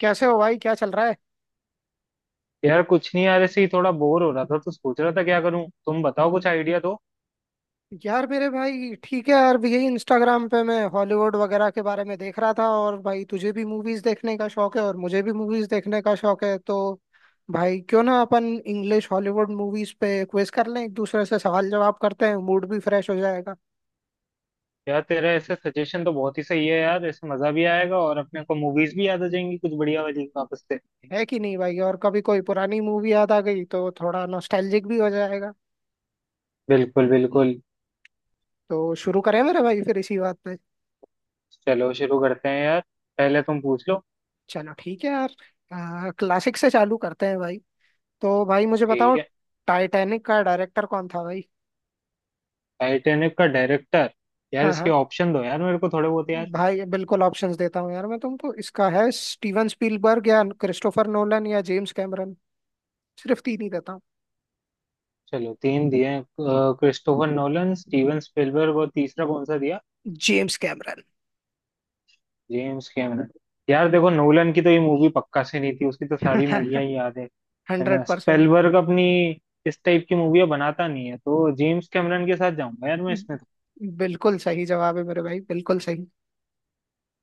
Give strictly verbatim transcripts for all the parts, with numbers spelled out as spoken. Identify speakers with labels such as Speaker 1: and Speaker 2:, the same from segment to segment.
Speaker 1: कैसे हो भाई, क्या चल रहा है?
Speaker 2: यार कुछ नहीं यार, ऐसे ही थोड़ा बोर हो रहा था तो सोच रहा था क्या करूं। तुम बताओ, कुछ आइडिया दो।
Speaker 1: यार मेरे भाई, ठीक है। यार यही इंस्टाग्राम पे मैं हॉलीवुड वगैरह के बारे में देख रहा था, और भाई तुझे भी मूवीज देखने का शौक है और मुझे भी मूवीज देखने का शौक है, तो भाई क्यों ना अपन इंग्लिश हॉलीवुड मूवीज पे क्विज कर लें, एक दूसरे से सवाल जवाब करते हैं, मूड भी फ्रेश हो जाएगा।
Speaker 2: यार तेरा ऐसे सजेशन तो बहुत ही सही है यार, ऐसे मजा भी आएगा और अपने को मूवीज भी याद आ जाएंगी कुछ बढ़िया वाली वापस से।
Speaker 1: है कि नहीं भाई? और कभी कोई पुरानी मूवी याद आ गई तो थोड़ा नॉस्टैल्जिक भी हो जाएगा।
Speaker 2: बिल्कुल बिल्कुल।
Speaker 1: तो शुरू करें मेरे भाई फिर इसी बात पे।
Speaker 2: चलो शुरू करते हैं यार। पहले तुम पूछ लो।
Speaker 1: चलो ठीक है यार, क्लासिक से चालू करते हैं भाई। तो भाई मुझे बताओ,
Speaker 2: ठीक है।
Speaker 1: टाइटैनिक का डायरेक्टर कौन था भाई?
Speaker 2: टाइटैनिक का डायरेक्टर। यार
Speaker 1: हाँ
Speaker 2: इसके
Speaker 1: हाँ
Speaker 2: ऑप्शन दो यार, मेरे को थोड़े बहुत यार।
Speaker 1: भाई, बिल्कुल ऑप्शंस देता हूँ यार मैं तुमको। इसका है स्टीवन स्पीलबर्ग, या क्रिस्टोफर नोलन, या जेम्स कैमरन। सिर्फ तीन ही देता हूँ।
Speaker 2: चलो तीन दिए हैं, क्रिस्टोफर नोलन, स्टीवन स्पिलबर्ग और तीसरा कौन सा दिया?
Speaker 1: James Cameron.
Speaker 2: James Cameron. यार देखो, नोलन की तो ये मूवी पक्का से नहीं थी, उसकी तो सारी मूवियां ही याद है। है ना,
Speaker 1: हंड्रेड परसेंट।
Speaker 2: स्पेलबर्ग अपनी इस टाइप की मूवियां बनाता नहीं है, तो जेम्स कैमरन के साथ जाऊंगा यार मैं इसमें तो।
Speaker 1: बिल्कुल सही जवाब है मेरे भाई, बिल्कुल सही।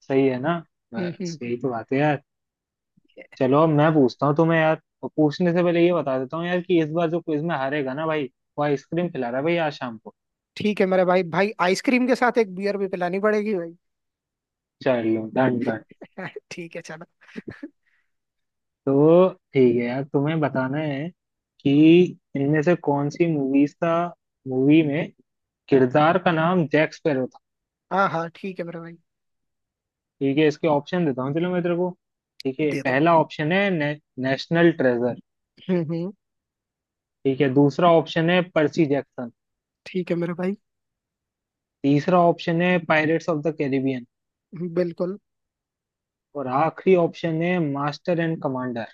Speaker 2: सही है ना?
Speaker 1: हम्म हम्म
Speaker 2: बस
Speaker 1: हम्म।
Speaker 2: यही तो बात है यार। चलो अब मैं पूछता हूँ तुम्हें यार, और पूछने से पहले ये बता देता हूँ यार कि इस बार जो क्विज में हारेगा ना भाई, वो आइसक्रीम खिला रहा है भाई आज शाम को।
Speaker 1: ठीक है मेरे भाई, भाई आइसक्रीम के साथ एक बियर भी पिलानी पड़ेगी भाई।
Speaker 2: चलो डन डन।
Speaker 1: ठीक है चलो।
Speaker 2: तो ठीक है यार, तुम्हें बताना है कि इनमें से कौन सी मूवीज का मूवी में किरदार का नाम जैक स्पैरो था।
Speaker 1: हाँ हाँ, ठीक है मेरे भाई,
Speaker 2: ठीक है, इसके ऑप्शन देता हूँ चलो मैं तेरे को। ठीक है,
Speaker 1: दे दो।
Speaker 2: पहला ऑप्शन है ने, नेशनल ट्रेजर।
Speaker 1: हम्म हम्म।
Speaker 2: ठीक है, दूसरा ऑप्शन है पर्सी जैक्सन।
Speaker 1: ठीक है मेरे भाई।
Speaker 2: तीसरा ऑप्शन है पायरेट्स ऑफ द कैरिबियन।
Speaker 1: बिल्कुल।
Speaker 2: और आखिरी ऑप्शन है मास्टर एंड कमांडर।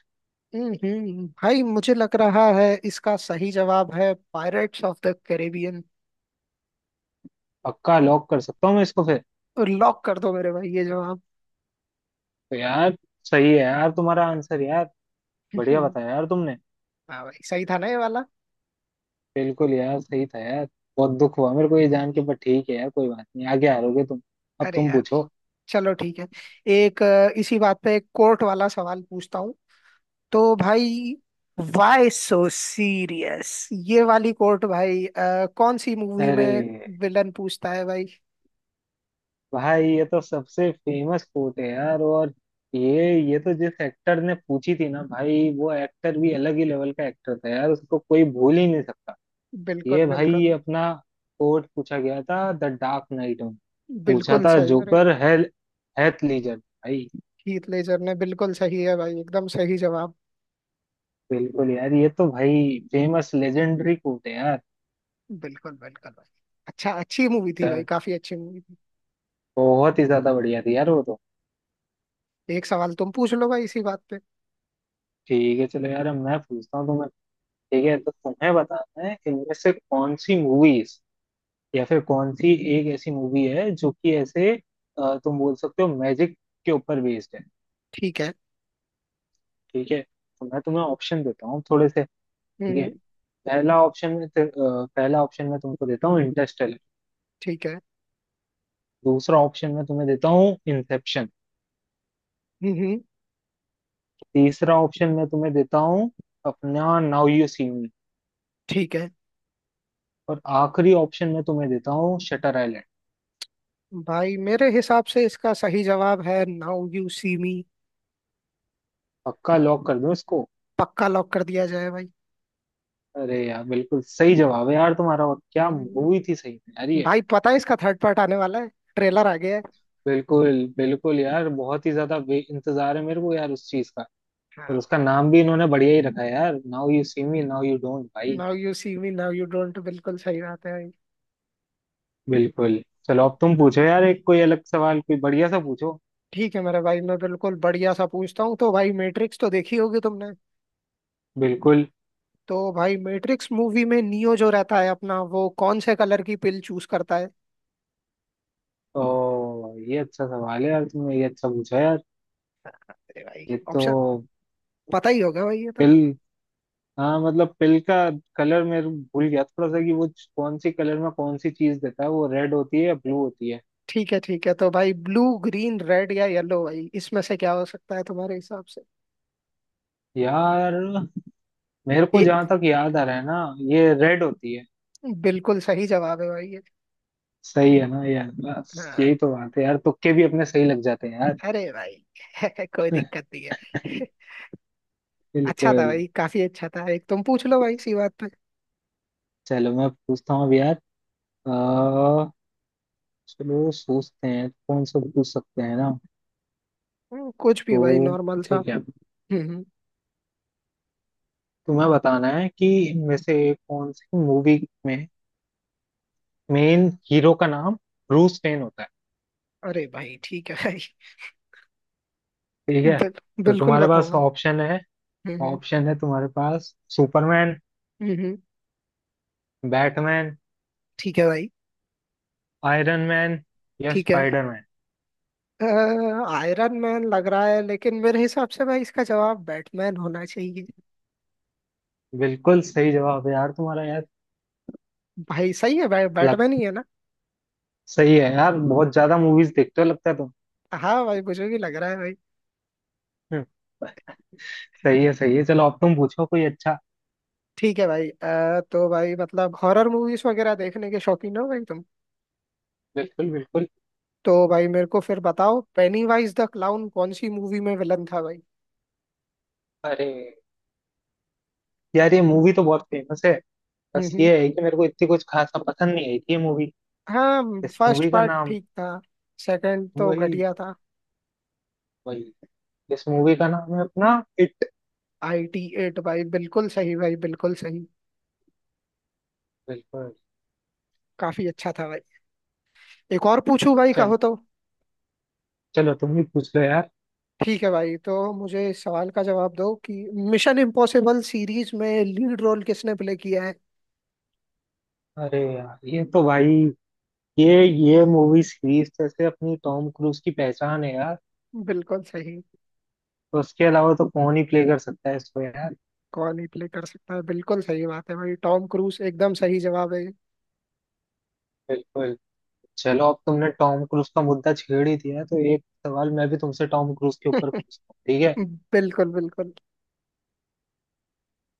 Speaker 1: हम्म हम्म, भाई मुझे लग रहा है इसका सही जवाब है पायरेट्स ऑफ द कैरेबियन।
Speaker 2: पक्का लॉक कर सकता हूँ मैं इसको फिर?
Speaker 1: लॉक कर दो मेरे भाई ये जवाब।
Speaker 2: तो यार, सही है यार तुम्हारा आंसर यार।
Speaker 1: हाँ,
Speaker 2: बढ़िया बताया यार तुमने।
Speaker 1: भाई सही था ना ये वाला?
Speaker 2: बिल्कुल यार, सही था यार। बहुत दुख हुआ मेरे को ये जान के, पर ठीक है यार, कोई बात नहीं, आगे हारोगे तुम। अब
Speaker 1: अरे
Speaker 2: तुम
Speaker 1: यार,
Speaker 2: पूछो।
Speaker 1: चलो ठीक है। एक अ, इसी बात पे एक कोर्ट वाला सवाल पूछता हूँ। तो भाई, वाई सो सीरियस, ये वाली कोर्ट भाई, अ, कौन सी मूवी
Speaker 2: अरे
Speaker 1: में विलन पूछता है भाई?
Speaker 2: भाई, ये तो सबसे फेमस कोट है यार। और ये ये तो जिस एक्टर ने पूछी थी ना भाई, वो एक्टर भी अलग ही लेवल का एक्टर था यार, उसको कोई भूल ही नहीं सकता। ये
Speaker 1: बिल्कुल
Speaker 2: भाई ये
Speaker 1: बिल्कुल।
Speaker 2: अपना कोट पूछा गया था द डार्क नाइट में। पूछा
Speaker 1: बिल्कुल
Speaker 2: था,
Speaker 1: सही, अरे!
Speaker 2: जोकर है, हैथ लीजर भाई।
Speaker 1: हीथ लेजर ने, बिल्कुल सही है भाई, एकदम सही जवाब।
Speaker 2: बिल्कुल यार, ये तो भाई फेमस लेजेंडरी कोट है यार।
Speaker 1: बिल्कुल बिल्कुल भाई। अच्छा, अच्छी मूवी थी भाई,
Speaker 2: चल,
Speaker 1: काफी अच्छी मूवी थी।
Speaker 2: बहुत ही ज्यादा बढ़िया थी यार वो तो।
Speaker 1: एक सवाल तुम पूछ लो भाई इसी बात पे।
Speaker 2: ठीक है चलो यार, अब मैं पूछता हूँ तुम्हें। ठीक है, तो तुम्हें बताना है इनमें से कौन सी मूवीज या फिर कौन सी एक ऐसी मूवी है जो कि ऐसे, अ, तुम बोल सकते हो मैजिक के ऊपर बेस्ड है।
Speaker 1: ठीक है।
Speaker 2: ठीक है, तो मैं तुम्हें ऑप्शन देता हूँ थोड़े से। ठीक है,
Speaker 1: हम्म।
Speaker 2: पहला ऑप्शन में ते- अ, पहला ऑप्शन मैं तुमको देता हूँ इंटरस्टेलर।
Speaker 1: ठीक है।
Speaker 2: दूसरा ऑप्शन मैं तुम्हें देता हूँ इंसेप्शन।
Speaker 1: हम्म
Speaker 2: तीसरा ऑप्शन मैं तुम्हें देता हूँ अपना, नाउ यू सी मी।
Speaker 1: ठीक है
Speaker 2: और आखिरी ऑप्शन मैं तुम्हें देता हूँ शटर आइलैंड।
Speaker 1: भाई, मेरे हिसाब से इसका सही जवाब है नाउ यू सी मी।
Speaker 2: पक्का लॉक कर दो इसको।
Speaker 1: पक्का लॉक कर दिया जाए भाई।
Speaker 2: अरे यार, बिल्कुल सही जवाब है यार तुम्हारा। और क्या मूवी
Speaker 1: हम्म,
Speaker 2: थी सही में यार ये।
Speaker 1: भाई पता है इसका थर्ड पार्ट आने वाला है, ट्रेलर आ गया है।
Speaker 2: बिल्कुल बिल्कुल यार, बहुत ही ज्यादा वे- इंतजार है मेरे को यार उस चीज का। और
Speaker 1: हाँ।
Speaker 2: उसका नाम भी इन्होंने बढ़िया ही रखा है यार, Now You See Me now you don't भाई।
Speaker 1: Now You See Me now you don't, बिल्कुल सही बात है भाई।
Speaker 2: बिल्कुल। चलो अब तुम पूछो यार, एक कोई अलग सवाल कोई बढ़िया सा पूछो।
Speaker 1: ठीक है मेरे भाई, मैं बिल्कुल बढ़िया सा पूछता हूँ। तो भाई, मैट्रिक्स तो देखी होगी तुमने।
Speaker 2: बिल्कुल।
Speaker 1: तो भाई मैट्रिक्स मूवी में नियो जो रहता है अपना, वो कौन से कलर की पिल चूज करता है?
Speaker 2: ओ, ये अच्छा सवाल है यार, तुमने ये अच्छा पूछा यार।
Speaker 1: अरे भाई,
Speaker 2: ये तो
Speaker 1: ऑप्शन पता ही होगा भाई ये तो।
Speaker 2: पिल, हाँ मतलब पिल का कलर मैं भूल गया थोड़ा सा कि वो कौन सी कलर में कौन सी चीज देता है, वो रेड होती है या ब्लू होती है।
Speaker 1: ठीक है ठीक है, तो भाई ब्लू, ग्रीन, रेड या येलो भाई, इसमें से क्या हो सकता है तुम्हारे हिसाब से?
Speaker 2: यार मेरे को
Speaker 1: ये
Speaker 2: जहां तक याद आ रहा है ना, ये रेड होती है।
Speaker 1: बिल्कुल सही जवाब है भाई ये।
Speaker 2: सही है ना यार? बस
Speaker 1: हाँ।
Speaker 2: यही तो बात है यार, तुक्के भी अपने सही लग जाते हैं यार।
Speaker 1: अरे भाई! कोई दिक्कत नहीं है। अच्छा था
Speaker 2: बिल्कुल।
Speaker 1: भाई, काफी अच्छा था। एक तुम पूछ लो भाई इसी बात पे।
Speaker 2: चलो मैं पूछता हूँ अब यार, अ, चलो सोचते हैं कौन सा पूछ सकते हैं ना।
Speaker 1: हम्म, कुछ भी भाई,
Speaker 2: तो
Speaker 1: नॉर्मल सा।
Speaker 2: ठीक है,
Speaker 1: हम्म हम्म।
Speaker 2: तुम्हें बताना है कि इनमें से कौन सी मूवी में मेन हीरो का नाम ब्रूस वेन होता है।
Speaker 1: अरे भाई ठीक है भाई।
Speaker 2: ठीक है,
Speaker 1: बिल,
Speaker 2: तो
Speaker 1: बिल्कुल
Speaker 2: तुम्हारे पास
Speaker 1: बताऊंगा।
Speaker 2: ऑप्शन है
Speaker 1: हम्म हम्म।
Speaker 2: ऑप्शन है तुम्हारे पास, सुपरमैन,
Speaker 1: हम्म, हम्म,
Speaker 2: बैटमैन,
Speaker 1: ठीक है भाई।
Speaker 2: आयरन मैन या
Speaker 1: ठीक है।
Speaker 2: स्पाइडरमैन।
Speaker 1: आयरन मैन लग रहा है, लेकिन मेरे हिसाब से भाई इसका जवाब बैटमैन होना चाहिए।
Speaker 2: बिल्कुल सही जवाब है यार तुम्हारा यार।
Speaker 1: भाई सही है भाई, बैटमैन ही है ना?
Speaker 2: सही है यार, बहुत ज्यादा मूवीज देखते हो लगता है तुम।
Speaker 1: हाँ भाई, मुझे भी लग रहा है भाई।
Speaker 2: हम्म, सही है सही है, चलो अब तुम पूछो कोई अच्छा।
Speaker 1: ठीक है भाई। अ, तो भाई मतलब हॉरर मूवीज वगैरह देखने के शौकीन हो भाई तुम?
Speaker 2: बिल्कुल बिल्कुल।
Speaker 1: तो भाई मेरे को फिर बताओ, पेनीवाइज द क्लाउन कौन सी मूवी में विलन था भाई?
Speaker 2: अरे यार, ये मूवी तो बहुत फेमस है।
Speaker 1: हम्म
Speaker 2: बस
Speaker 1: हम्म।
Speaker 2: ये है कि मेरे को इतनी कुछ खासा पसंद नहीं आई थी ये मूवी।
Speaker 1: हाँ
Speaker 2: इस
Speaker 1: फर्स्ट
Speaker 2: मूवी का
Speaker 1: पार्ट
Speaker 2: नाम
Speaker 1: ठीक था, सेकंड तो
Speaker 2: वही
Speaker 1: घटिया था।
Speaker 2: वही इस मूवी का नाम है अपना, इट।
Speaker 1: I T. एट भाई, बिल्कुल सही भाई, बिल्कुल सही।
Speaker 2: बिल्कुल।
Speaker 1: काफी अच्छा था भाई। एक और पूछूं भाई,
Speaker 2: चलो
Speaker 1: कहो तो?
Speaker 2: चलो, तुम ही पूछ लो यार।
Speaker 1: ठीक है भाई, तो मुझे इस सवाल का जवाब दो कि मिशन इम्पॉसिबल सीरीज में लीड रोल किसने प्ले किया है?
Speaker 2: अरे यार, ये तो भाई ये ये मूवी सीरीज जैसे अपनी टॉम क्रूज की पहचान है यार।
Speaker 1: बिल्कुल सही।
Speaker 2: तो उसके अलावा तो कौन ही प्ले कर सकता है इसको यार?
Speaker 1: कौन ही प्ले कर सकता है, बिल्कुल सही बात है भाई, टॉम क्रूज एकदम सही जवाब है ये।
Speaker 2: बिल्कुल। चलो अब तुमने टॉम क्रूज का मुद्दा छेड़ ही दिया है, तो एक सवाल मैं भी तुमसे टॉम क्रूज के ऊपर पूछता हूँ, ठीक है?
Speaker 1: बिल्कुल बिल्कुल।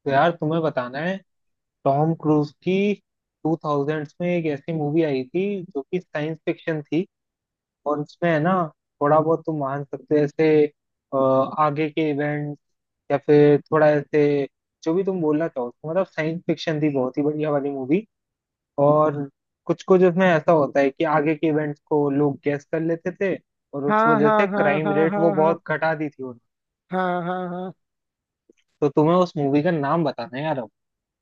Speaker 2: तो यार तुम्हें बताना है, टॉम क्रूज की टू थाउजेंड्स में एक ऐसी मूवी आई थी जो कि साइंस फिक्शन थी। और उसमें है ना, थोड़ा बहुत तुम मान सकते हो ऐसे अ, आगे के इवेंट, या फिर थोड़ा ऐसे जो भी तुम बोलना चाहो, मतलब साइंस फिक्शन थी बहुत ही बढ़िया वाली मूवी। और कुछ कुछ उसमें ऐसा होता है कि आगे के इवेंट्स को लोग गेस कर लेते थे। और उस
Speaker 1: हाँ
Speaker 2: वजह
Speaker 1: हाँ
Speaker 2: से
Speaker 1: हाँ
Speaker 2: क्राइम
Speaker 1: हाँ
Speaker 2: रेट वो
Speaker 1: हाँ हाँ।
Speaker 2: बहुत घटा दी थी उन्होंने।
Speaker 1: हाँ हाँ हाँ।
Speaker 2: तो तुम्हें उस मूवी का नाम बताना है यार अब।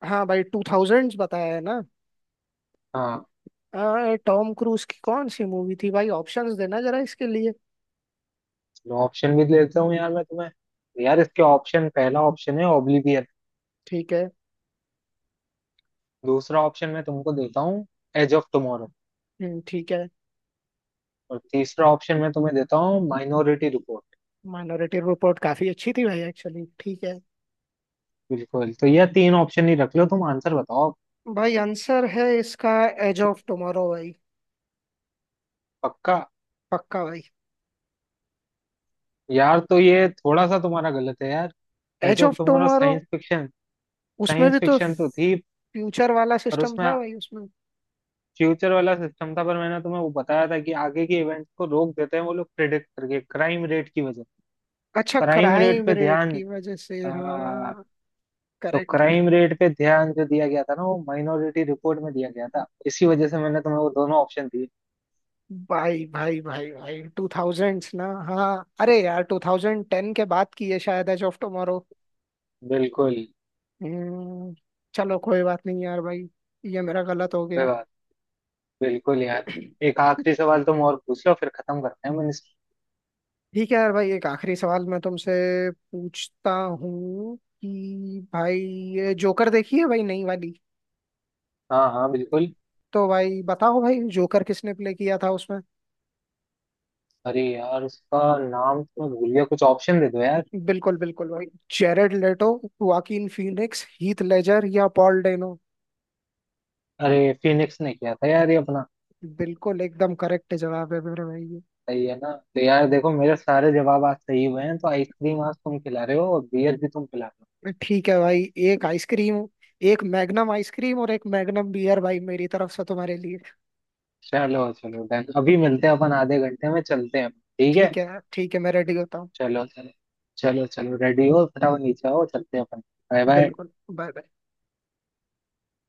Speaker 1: हाँ भाई, टू थाउजेंड्स बताया है ना?
Speaker 2: हाँ।
Speaker 1: आ, टॉम क्रूज की कौन सी मूवी थी भाई? ऑप्शंस देना जरा इसके लिए।
Speaker 2: चलो, ऑप्शन भी दे देता हूँ यार मैं तुम्हें। यार इसके ऑप्शन, पहला ऑप्शन है ओब्लिवियन।
Speaker 1: ठीक है।
Speaker 2: दूसरा ऑप्शन मैं तुमको देता हूँ एज ऑफ टुमारो।
Speaker 1: हम्म, ठीक है।
Speaker 2: और तीसरा ऑप्शन मैं तुम्हें देता हूँ माइनॉरिटी रिपोर्ट।
Speaker 1: माइनॉरिटी रिपोर्ट काफी अच्छी थी भाई एक्चुअली। ठीक है।
Speaker 2: बिल्कुल, तो ये तीन ऑप्शन ही रख लो, तुम आंसर बताओ।
Speaker 1: भाई आंसर है इसका एज ऑफ टुमारो भाई।
Speaker 2: पक्का?
Speaker 1: पक्का भाई।
Speaker 2: यार तो ये थोड़ा सा तुम्हारा गलत है यार। Edge
Speaker 1: Edge
Speaker 2: of
Speaker 1: of
Speaker 2: Tomorrow.
Speaker 1: Tomorrow,
Speaker 2: science fiction
Speaker 1: उसमें
Speaker 2: साइंस
Speaker 1: भी तो
Speaker 2: फिक्शन तो थी,
Speaker 1: फ्यूचर वाला
Speaker 2: पर
Speaker 1: सिस्टम
Speaker 2: उसमें
Speaker 1: था भाई उसमें।
Speaker 2: फ्यूचर वाला सिस्टम था। पर मैंने तुम्हें वो बताया था कि आगे के इवेंट्स को रोक देते हैं वो लोग प्रिडिक्ट करके, क्राइम रेट की वजह।
Speaker 1: अच्छा,
Speaker 2: क्राइम रेट
Speaker 1: क्राइम
Speaker 2: पे
Speaker 1: रेट
Speaker 2: ध्यान
Speaker 1: की वजह से,
Speaker 2: अ,
Speaker 1: हाँ।
Speaker 2: तो
Speaker 1: करेक्ट
Speaker 2: क्राइम
Speaker 1: कर।
Speaker 2: रेट पे ध्यान जो दिया गया था ना, वो माइनॉरिटी रिपोर्ट में दिया गया था, इसी वजह से मैंने तुम्हें वो दोनों ऑप्शन दिए।
Speaker 1: भाई भाई भाई भाई, टू थाउजेंड्स ना? हाँ अरे यार, टू थाउजेंड टेन के बाद की है शायद एज ऑफ टुमारो।
Speaker 2: बिल्कुल
Speaker 1: हम्म। चलो कोई बात नहीं यार भाई, ये मेरा गलत हो गया।
Speaker 2: विवाद बिल्कुल यार। एक आखिरी सवाल तुम और पूछ लो, फिर खत्म करते हैं मिनिस्टर।
Speaker 1: ठीक है यार भाई, एक आखिरी सवाल मैं तुमसे पूछता हूँ कि भाई, ये जोकर देखी है भाई नई वाली?
Speaker 2: हाँ हाँ बिल्कुल।
Speaker 1: तो भाई बताओ भाई, जोकर किसने प्ले किया था उसमें?
Speaker 2: अरे यार, उसका नाम तो मैं भूल गया, कुछ ऑप्शन दे दो यार।
Speaker 1: बिल्कुल बिल्कुल भाई। Jared Leto, Joaquin Phoenix, Heath Ledger या पॉल डेनो?
Speaker 2: अरे, फिनिक्स ने किया था यार ये अपना।
Speaker 1: बिल्कुल एकदम करेक्ट जवाब है मेरे भाई ये।
Speaker 2: सही है ना? तो यार
Speaker 1: हम्म।
Speaker 2: देखो, मेरे सारे जवाब आज सही हुए हैं तो आइसक्रीम आज तुम खिला रहे हो और बियर भी तुम खिला रहे हो।
Speaker 1: ठीक है भाई। एक आइसक्रीम, एक मैग्नम आइसक्रीम और एक मैग्नम बियर भाई, मेरी तरफ से तुम्हारे लिए।
Speaker 2: चलो चलो डन, अभी मिलते हैं अपन, आधे घंटे में चलते हैं, ठीक है?
Speaker 1: ठीक है ठीक है, मैं रेडी होता हूँ।
Speaker 2: चलो चलो। चलो चलो, रेडी हो फटाफट, नीचे आओ चलते हैं अपन। Bye bye.
Speaker 1: बिल्कुल, बाय बाय।